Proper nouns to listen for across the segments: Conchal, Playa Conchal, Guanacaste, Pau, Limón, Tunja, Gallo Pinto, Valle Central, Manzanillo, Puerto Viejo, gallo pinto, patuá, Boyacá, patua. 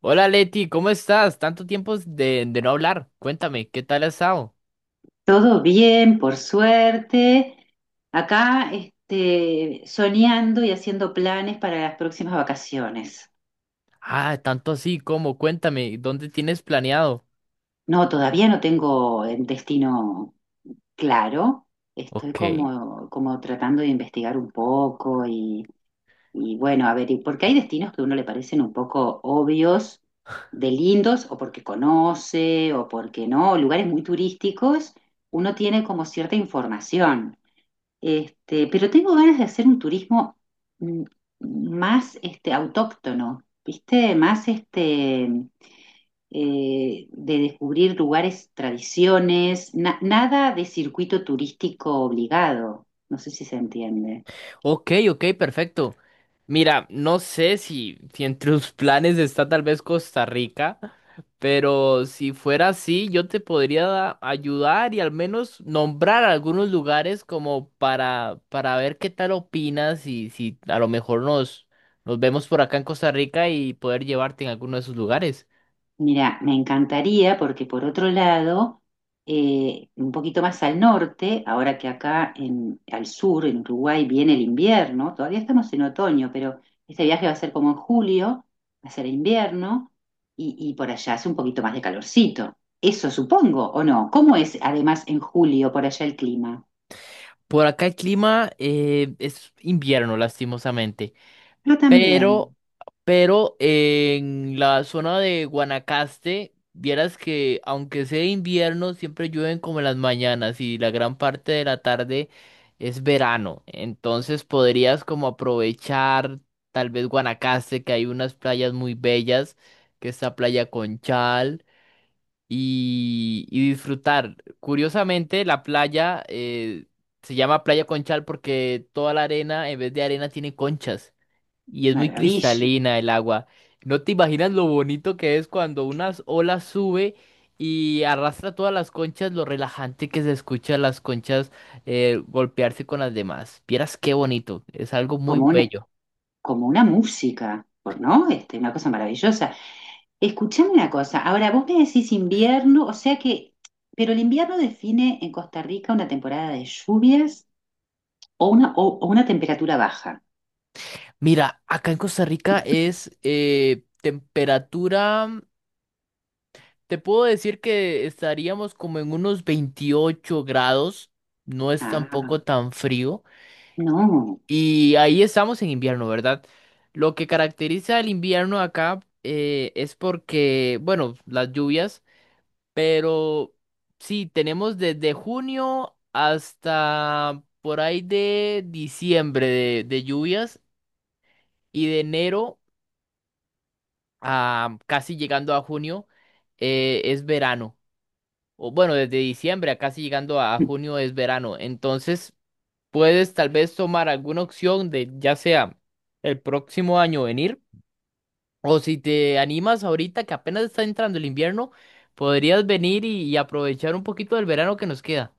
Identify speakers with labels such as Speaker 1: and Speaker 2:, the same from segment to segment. Speaker 1: Hola Leti, ¿cómo estás? Tanto tiempo de no hablar. Cuéntame, ¿qué tal has estado?
Speaker 2: Todo bien, por suerte. Acá, soñando y haciendo planes para las próximas vacaciones.
Speaker 1: Ah, tanto así, ¿cómo? Cuéntame, ¿dónde tienes planeado?
Speaker 2: No, todavía no tengo el destino claro. Estoy
Speaker 1: Ok,
Speaker 2: como tratando de investigar un poco y bueno, a ver, porque hay destinos que a uno le parecen un poco obvios, de lindos, o porque conoce, o porque no, lugares muy turísticos, uno tiene como cierta información. Pero tengo ganas de hacer un turismo mm, más autóctono, ¿viste? Más de descubrir lugares, tradiciones, nada de circuito turístico obligado. No sé si se entiende.
Speaker 1: ok, ok, perfecto. Mira, no sé si entre tus planes está tal vez Costa Rica, pero si fuera así, yo te podría ayudar y al menos nombrar algunos lugares como para ver qué tal opinas y si a lo mejor nos vemos por acá en Costa Rica y poder llevarte en alguno de esos lugares.
Speaker 2: Mira, me encantaría porque por otro lado, un poquito más al norte, ahora que acá en, al sur, en Uruguay, viene el invierno, todavía estamos en otoño, pero este viaje va a ser como en julio, va a ser invierno y por allá hace un poquito más de calorcito. Eso supongo, ¿o no? ¿Cómo es además en julio por allá el clima?
Speaker 1: Por acá el clima es invierno, lastimosamente.
Speaker 2: Pero
Speaker 1: Pero,
Speaker 2: también,
Speaker 1: pero en la zona de Guanacaste, vieras que aunque sea invierno, siempre llueven como en las mañanas y la gran parte de la tarde es verano. Entonces podrías como aprovechar tal vez Guanacaste, que hay unas playas muy bellas, que está Playa Conchal y disfrutar. Curiosamente, la playa se llama Playa Conchal porque toda la arena, en vez de arena, tiene conchas y es muy
Speaker 2: maravilla,
Speaker 1: cristalina el agua. No te imaginas lo bonito que es cuando unas olas sube y arrastra todas las conchas, lo relajante que se escucha las conchas golpearse con las demás. Vieras qué bonito, es algo muy
Speaker 2: como un,
Speaker 1: bello.
Speaker 2: como una música, ¿no? Una cosa maravillosa. Escuchame una cosa, ahora vos me decís invierno, o sea que, pero el invierno define en Costa Rica una temporada de lluvias o una temperatura baja.
Speaker 1: Mira, acá en Costa Rica es temperatura. Te puedo decir que estaríamos como en unos 28 grados, no es
Speaker 2: Ah,
Speaker 1: tampoco tan frío,
Speaker 2: no,
Speaker 1: y ahí estamos en invierno, ¿verdad? Lo que caracteriza el invierno acá es porque, bueno, las lluvias, pero sí, tenemos desde junio hasta por ahí de diciembre de lluvias y de enero a casi llegando a junio es verano. O bueno, desde diciembre a casi llegando a junio es verano. Entonces, puedes tal vez tomar alguna opción de ya sea el próximo año venir, o si te animas ahorita que apenas está entrando el invierno, podrías venir y aprovechar un poquito del verano que nos queda.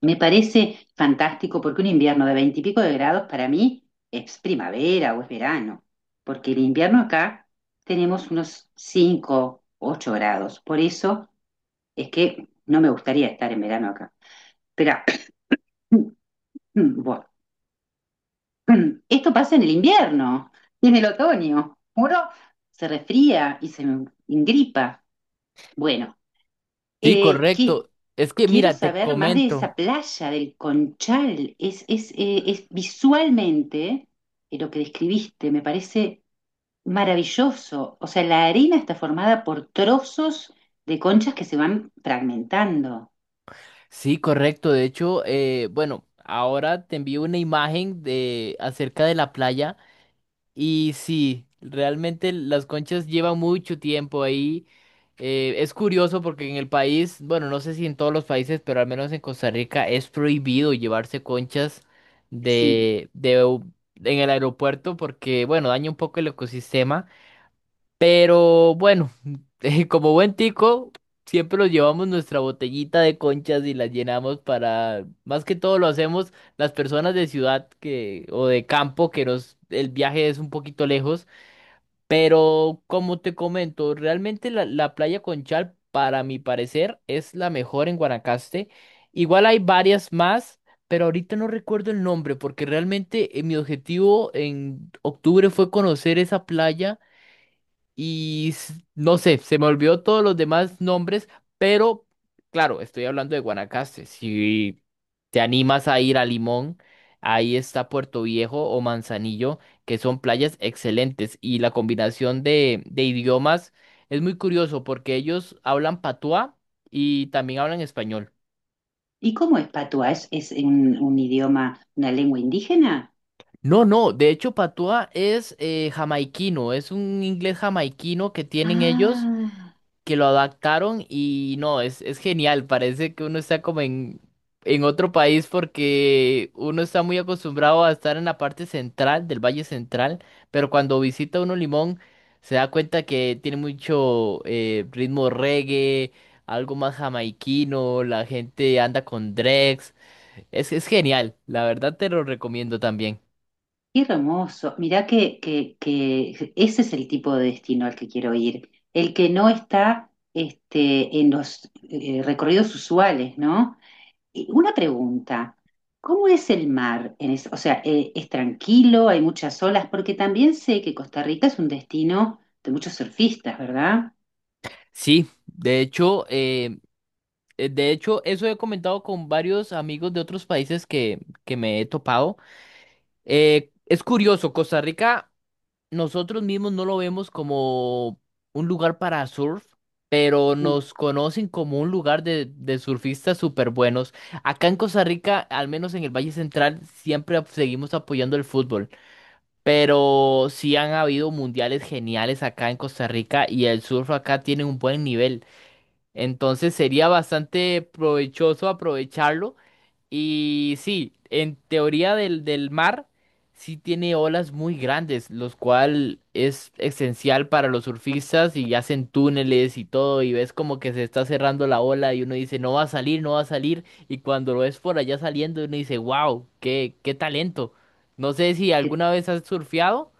Speaker 2: me parece fantástico porque un invierno de veintipico de grados para mí es primavera o es verano, porque el invierno acá tenemos unos 5, 8 grados, por eso es que no me gustaría estar en verano acá. Espera, bueno, esto pasa en el invierno y en el otoño. Uno se resfría y se engripa. Bueno,
Speaker 1: Sí,
Speaker 2: eh, que-
Speaker 1: correcto. Es que
Speaker 2: quiero
Speaker 1: mira, te
Speaker 2: saber más de
Speaker 1: comento.
Speaker 2: esa playa del Conchal. Es visualmente lo que describiste, me parece maravilloso. O sea, la arena está formada por trozos de conchas que se van fragmentando.
Speaker 1: Sí, correcto. De hecho, bueno, ahora te envío una imagen de acerca de la playa. Y sí, realmente las conchas llevan mucho tiempo ahí. Es curioso porque en el país, bueno, no sé si en todos los países, pero al menos en Costa Rica es prohibido llevarse conchas
Speaker 2: Sí.
Speaker 1: de, de, u- en el aeropuerto porque, bueno, daña un poco el ecosistema. Pero bueno, como buen tico, siempre nos llevamos nuestra botellita de conchas y las llenamos para, más que todo lo hacemos las personas de ciudad que, o de campo, que nos, el viaje es un poquito lejos. Pero como te comento, realmente la, playa Conchal, para mi parecer, es la mejor en Guanacaste. Igual hay varias más. Pero ahorita no recuerdo el nombre porque realmente mi objetivo en octubre fue conocer esa playa y no sé, se me olvidó todos los demás nombres, pero claro, estoy hablando de Guanacaste. Si te animas a ir a Limón, ahí está Puerto Viejo o Manzanillo, que son playas excelentes. Y la combinación de idiomas es muy curioso porque ellos hablan patuá y también hablan español.
Speaker 2: ¿Y cómo es patua? ¿Es un idioma, una lengua indígena?
Speaker 1: No, no, de hecho patuá es jamaiquino, es un inglés jamaiquino que tienen ellos.
Speaker 2: Ah,
Speaker 1: Que lo adaptaron y no, es, genial, parece que uno está como en otro país porque uno está muy acostumbrado a estar en la parte central del Valle Central, pero cuando visita uno Limón se da cuenta que tiene mucho ritmo reggae, algo más jamaiquino, la gente anda con dregs, es genial, la verdad te lo recomiendo también.
Speaker 2: qué hermoso. Mirá que ese es el tipo de destino al que quiero ir. El que no está en los recorridos usuales, ¿no? Y una pregunta, ¿cómo es el mar? O sea, ¿es tranquilo? ¿Hay muchas olas? Porque también sé que Costa Rica es un destino de muchos surfistas, ¿verdad?
Speaker 1: Sí, de hecho, eso he comentado con varios amigos de otros países que me he topado. Es curioso, Costa Rica, nosotros mismos no lo vemos como un lugar para surf, pero nos conocen como un lugar de surfistas súper buenos. Acá en Costa Rica, al menos en el Valle Central, siempre seguimos apoyando el fútbol, pero sí han habido mundiales geniales acá en Costa Rica y el surf acá tiene un buen nivel. Entonces sería bastante provechoso aprovecharlo. Y sí, en teoría del mar, sí tiene olas muy grandes, los cual es esencial para los surfistas y hacen túneles y todo. Y ves como que se está cerrando la ola y uno dice, no va a salir, no va a salir. Y cuando lo ves por allá saliendo, uno dice, wow, qué, talento. No sé si alguna vez has surfeado.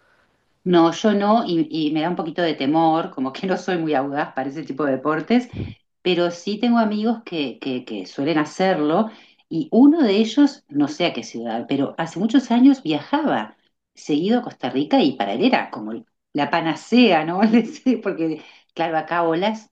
Speaker 2: No, yo no, y me da un poquito de temor, como que no soy muy audaz para ese tipo de deportes, pero sí tengo amigos que suelen hacerlo, y uno de ellos, no sé a qué ciudad, pero hace muchos años viajaba seguido a Costa Rica y para él era como la panacea, ¿no? Le decía, porque, claro, acá olas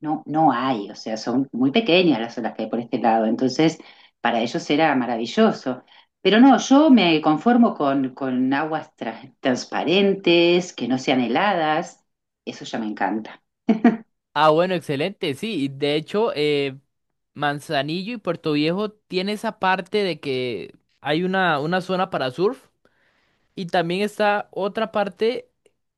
Speaker 2: no, no hay, o sea, son muy pequeñas las olas que hay por este lado, entonces para ellos era maravilloso. Pero no, yo me conformo con aguas transparentes, que no sean heladas, eso ya me encanta.
Speaker 1: Ah, bueno, excelente, sí. Manzanillo y Puerto Viejo tiene esa parte de que hay una, zona para surf y también está otra parte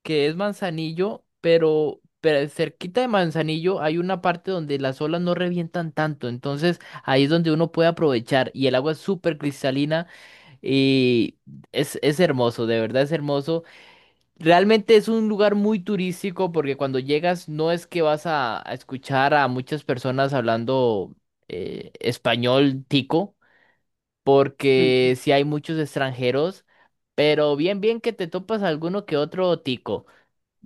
Speaker 1: que es Manzanillo, pero cerquita de Manzanillo hay una parte donde las olas no revientan tanto, entonces ahí es donde uno puede aprovechar y el agua es súper cristalina y es, hermoso, de verdad es hermoso. Realmente es un lugar muy turístico porque cuando llegas no es que vas a escuchar a muchas personas hablando español tico,
Speaker 2: Ujú.
Speaker 1: porque sí hay muchos extranjeros, pero bien, bien que te topas alguno que otro tico.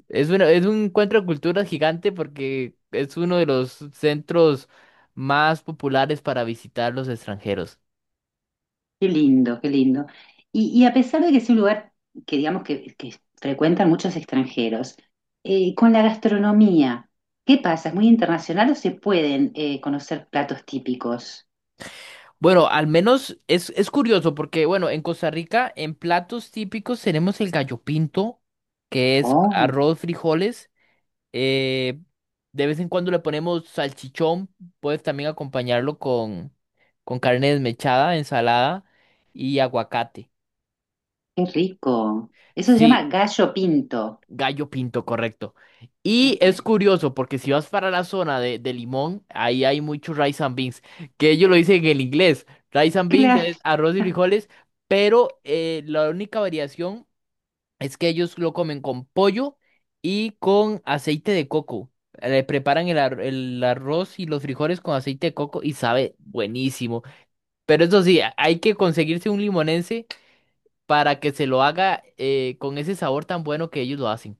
Speaker 1: Es un encuentro de culturas gigante porque es uno de los centros más populares para visitar los extranjeros.
Speaker 2: Qué lindo, qué lindo. Y a pesar de que es un lugar que digamos que frecuentan muchos extranjeros, con la gastronomía, ¿qué pasa? ¿Es muy internacional o se pueden conocer platos típicos?
Speaker 1: Bueno, al menos es, curioso porque, bueno, en Costa Rica, en platos típicos tenemos el gallo pinto, que es arroz, frijoles. eh, de vez en cuando le ponemos salchichón, puedes también acompañarlo con carne desmechada, ensalada y aguacate.
Speaker 2: Qué rico. Eso se llama
Speaker 1: Sí,
Speaker 2: gallo pinto.
Speaker 1: Gallo Pinto, correcto. Y
Speaker 2: Ok.
Speaker 1: es curioso porque si vas para la zona de Limón, ahí hay muchos rice and beans, que ellos lo dicen en inglés. Rice and beans
Speaker 2: Claro.
Speaker 1: es arroz y frijoles, pero la única variación es que ellos lo comen con pollo y con aceite de coco. Le preparan el arroz y los frijoles con aceite de coco y sabe buenísimo. Pero eso sí, hay que conseguirse un limonense para que se lo haga con ese sabor tan bueno que ellos lo hacen.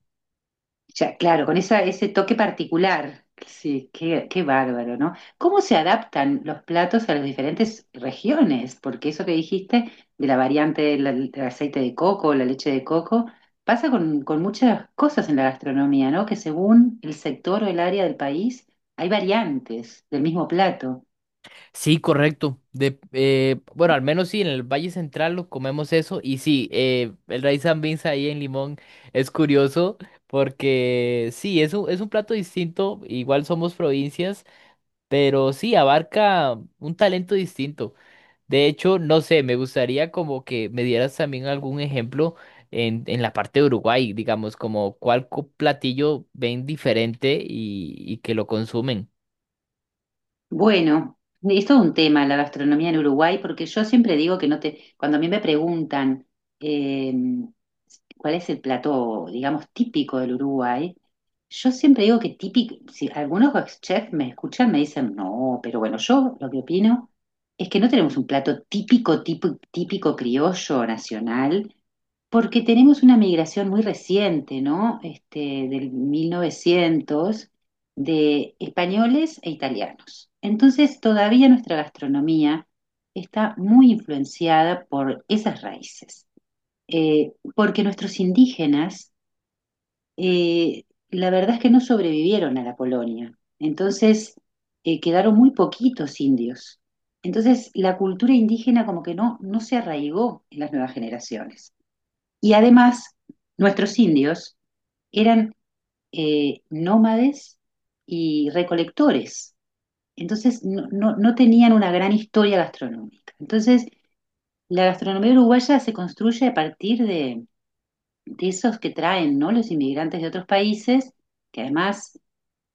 Speaker 2: Ya, claro, con ese toque particular. Sí, qué bárbaro, ¿no? ¿Cómo se adaptan los platos a las diferentes regiones? Porque eso que dijiste de la variante del aceite de coco, la leche de coco, pasa con muchas cosas en la gastronomía, ¿no? Que según el sector o el área del país, hay variantes del mismo plato.
Speaker 1: Sí, correcto. Bueno, al menos sí, en el Valle Central lo comemos eso. Y sí, el rice and beans ahí en Limón es curioso porque sí, es un, plato distinto. Igual somos provincias, pero sí, abarca un talento distinto. De hecho, no sé, me gustaría como que me dieras también algún ejemplo en la parte de Uruguay, digamos, como cuál platillo ven diferente y que lo consumen.
Speaker 2: Bueno, es todo un tema la gastronomía en Uruguay, porque yo siempre digo que no te, cuando a mí me preguntan eh, cuál es el plato, digamos, típico del Uruguay, yo siempre digo que típico, si algunos chefs me escuchan, me dicen, no, pero bueno, yo lo que opino es que no tenemos un plato típico, típico, típico criollo nacional, porque tenemos una migración muy reciente, ¿no? Del 1900 de españoles e italianos. Entonces, todavía nuestra gastronomía está muy influenciada por esas raíces, porque nuestros indígenas, eh, la verdad es que no sobrevivieron a la colonia, entonces quedaron muy poquitos indios. Entonces, la cultura indígena como que no, no se arraigó en las nuevas generaciones. Y además, nuestros indios eran nómades y recolectores. Entonces no, no, no tenían una gran historia gastronómica. Entonces la gastronomía uruguaya se construye a partir de esos que traen, ¿no? Los inmigrantes de otros países, que además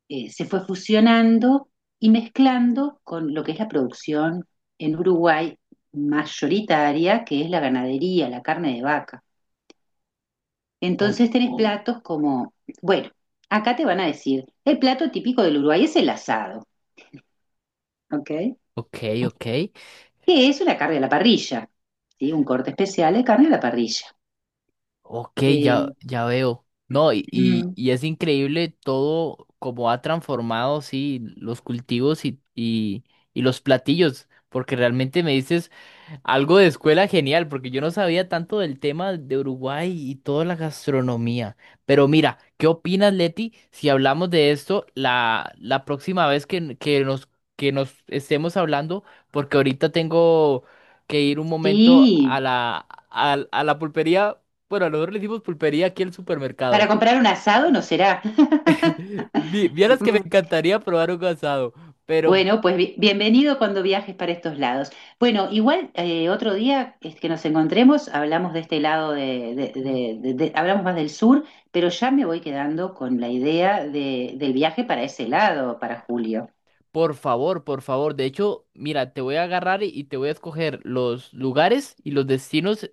Speaker 2: se fue fusionando y mezclando con lo que es la producción en Uruguay mayoritaria, que es la ganadería, la carne de vaca.
Speaker 1: Oh.
Speaker 2: Entonces tenés platos como, bueno, acá te van a decir, el plato típico del Uruguay es el asado, ¿ok?
Speaker 1: Ok, ok.
Speaker 2: Que es una carne a la parrilla, ¿sí? Un corte especial de carne a la parrilla.
Speaker 1: Ok, ya,
Speaker 2: Eh,
Speaker 1: ya veo. No, y, y,
Speaker 2: mm,
Speaker 1: y es increíble todo como ha transformado, sí, los cultivos y los platillos, porque realmente me dices... Algo de escuela genial, porque yo no sabía tanto del tema de Uruguay y toda la gastronomía. Pero mira, ¿qué opinas, Leti, si hablamos de esto la, próxima vez que nos estemos hablando? Porque ahorita tengo que ir un momento
Speaker 2: sí,
Speaker 1: a la, a la pulpería. Bueno, nosotros le decimos pulpería aquí al
Speaker 2: para
Speaker 1: supermercado.
Speaker 2: comprar un asado no será.
Speaker 1: Vieras que me
Speaker 2: Mm,
Speaker 1: encantaría probar un asado, pero
Speaker 2: Bueno, pues bienvenido cuando viajes para estos lados. Bueno, igual otro día es que nos encontremos, hablamos de este lado hablamos más del sur, pero ya me voy quedando con la idea del viaje para ese lado, para julio.
Speaker 1: por favor, por favor. De hecho, mira, te voy a agarrar y te voy a escoger los lugares y los destinos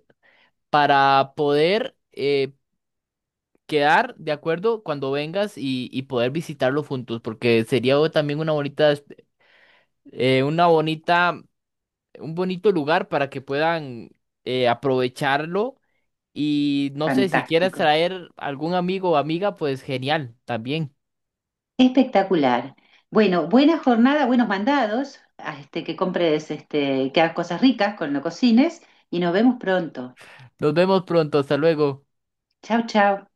Speaker 1: para poder quedar de acuerdo cuando vengas y poder visitarlos juntos, porque sería también una bonita, eh, una bonita, un bonito lugar para que puedan aprovecharlo. Y no sé, si quieres
Speaker 2: Fantástico.
Speaker 1: traer algún amigo o amiga, pues genial, también.
Speaker 2: Espectacular. Bueno, buena jornada, buenos mandados, a que compres, que hagas cosas ricas con lo cocines y nos vemos pronto.
Speaker 1: Nos vemos pronto, hasta luego.
Speaker 2: Chao, chao.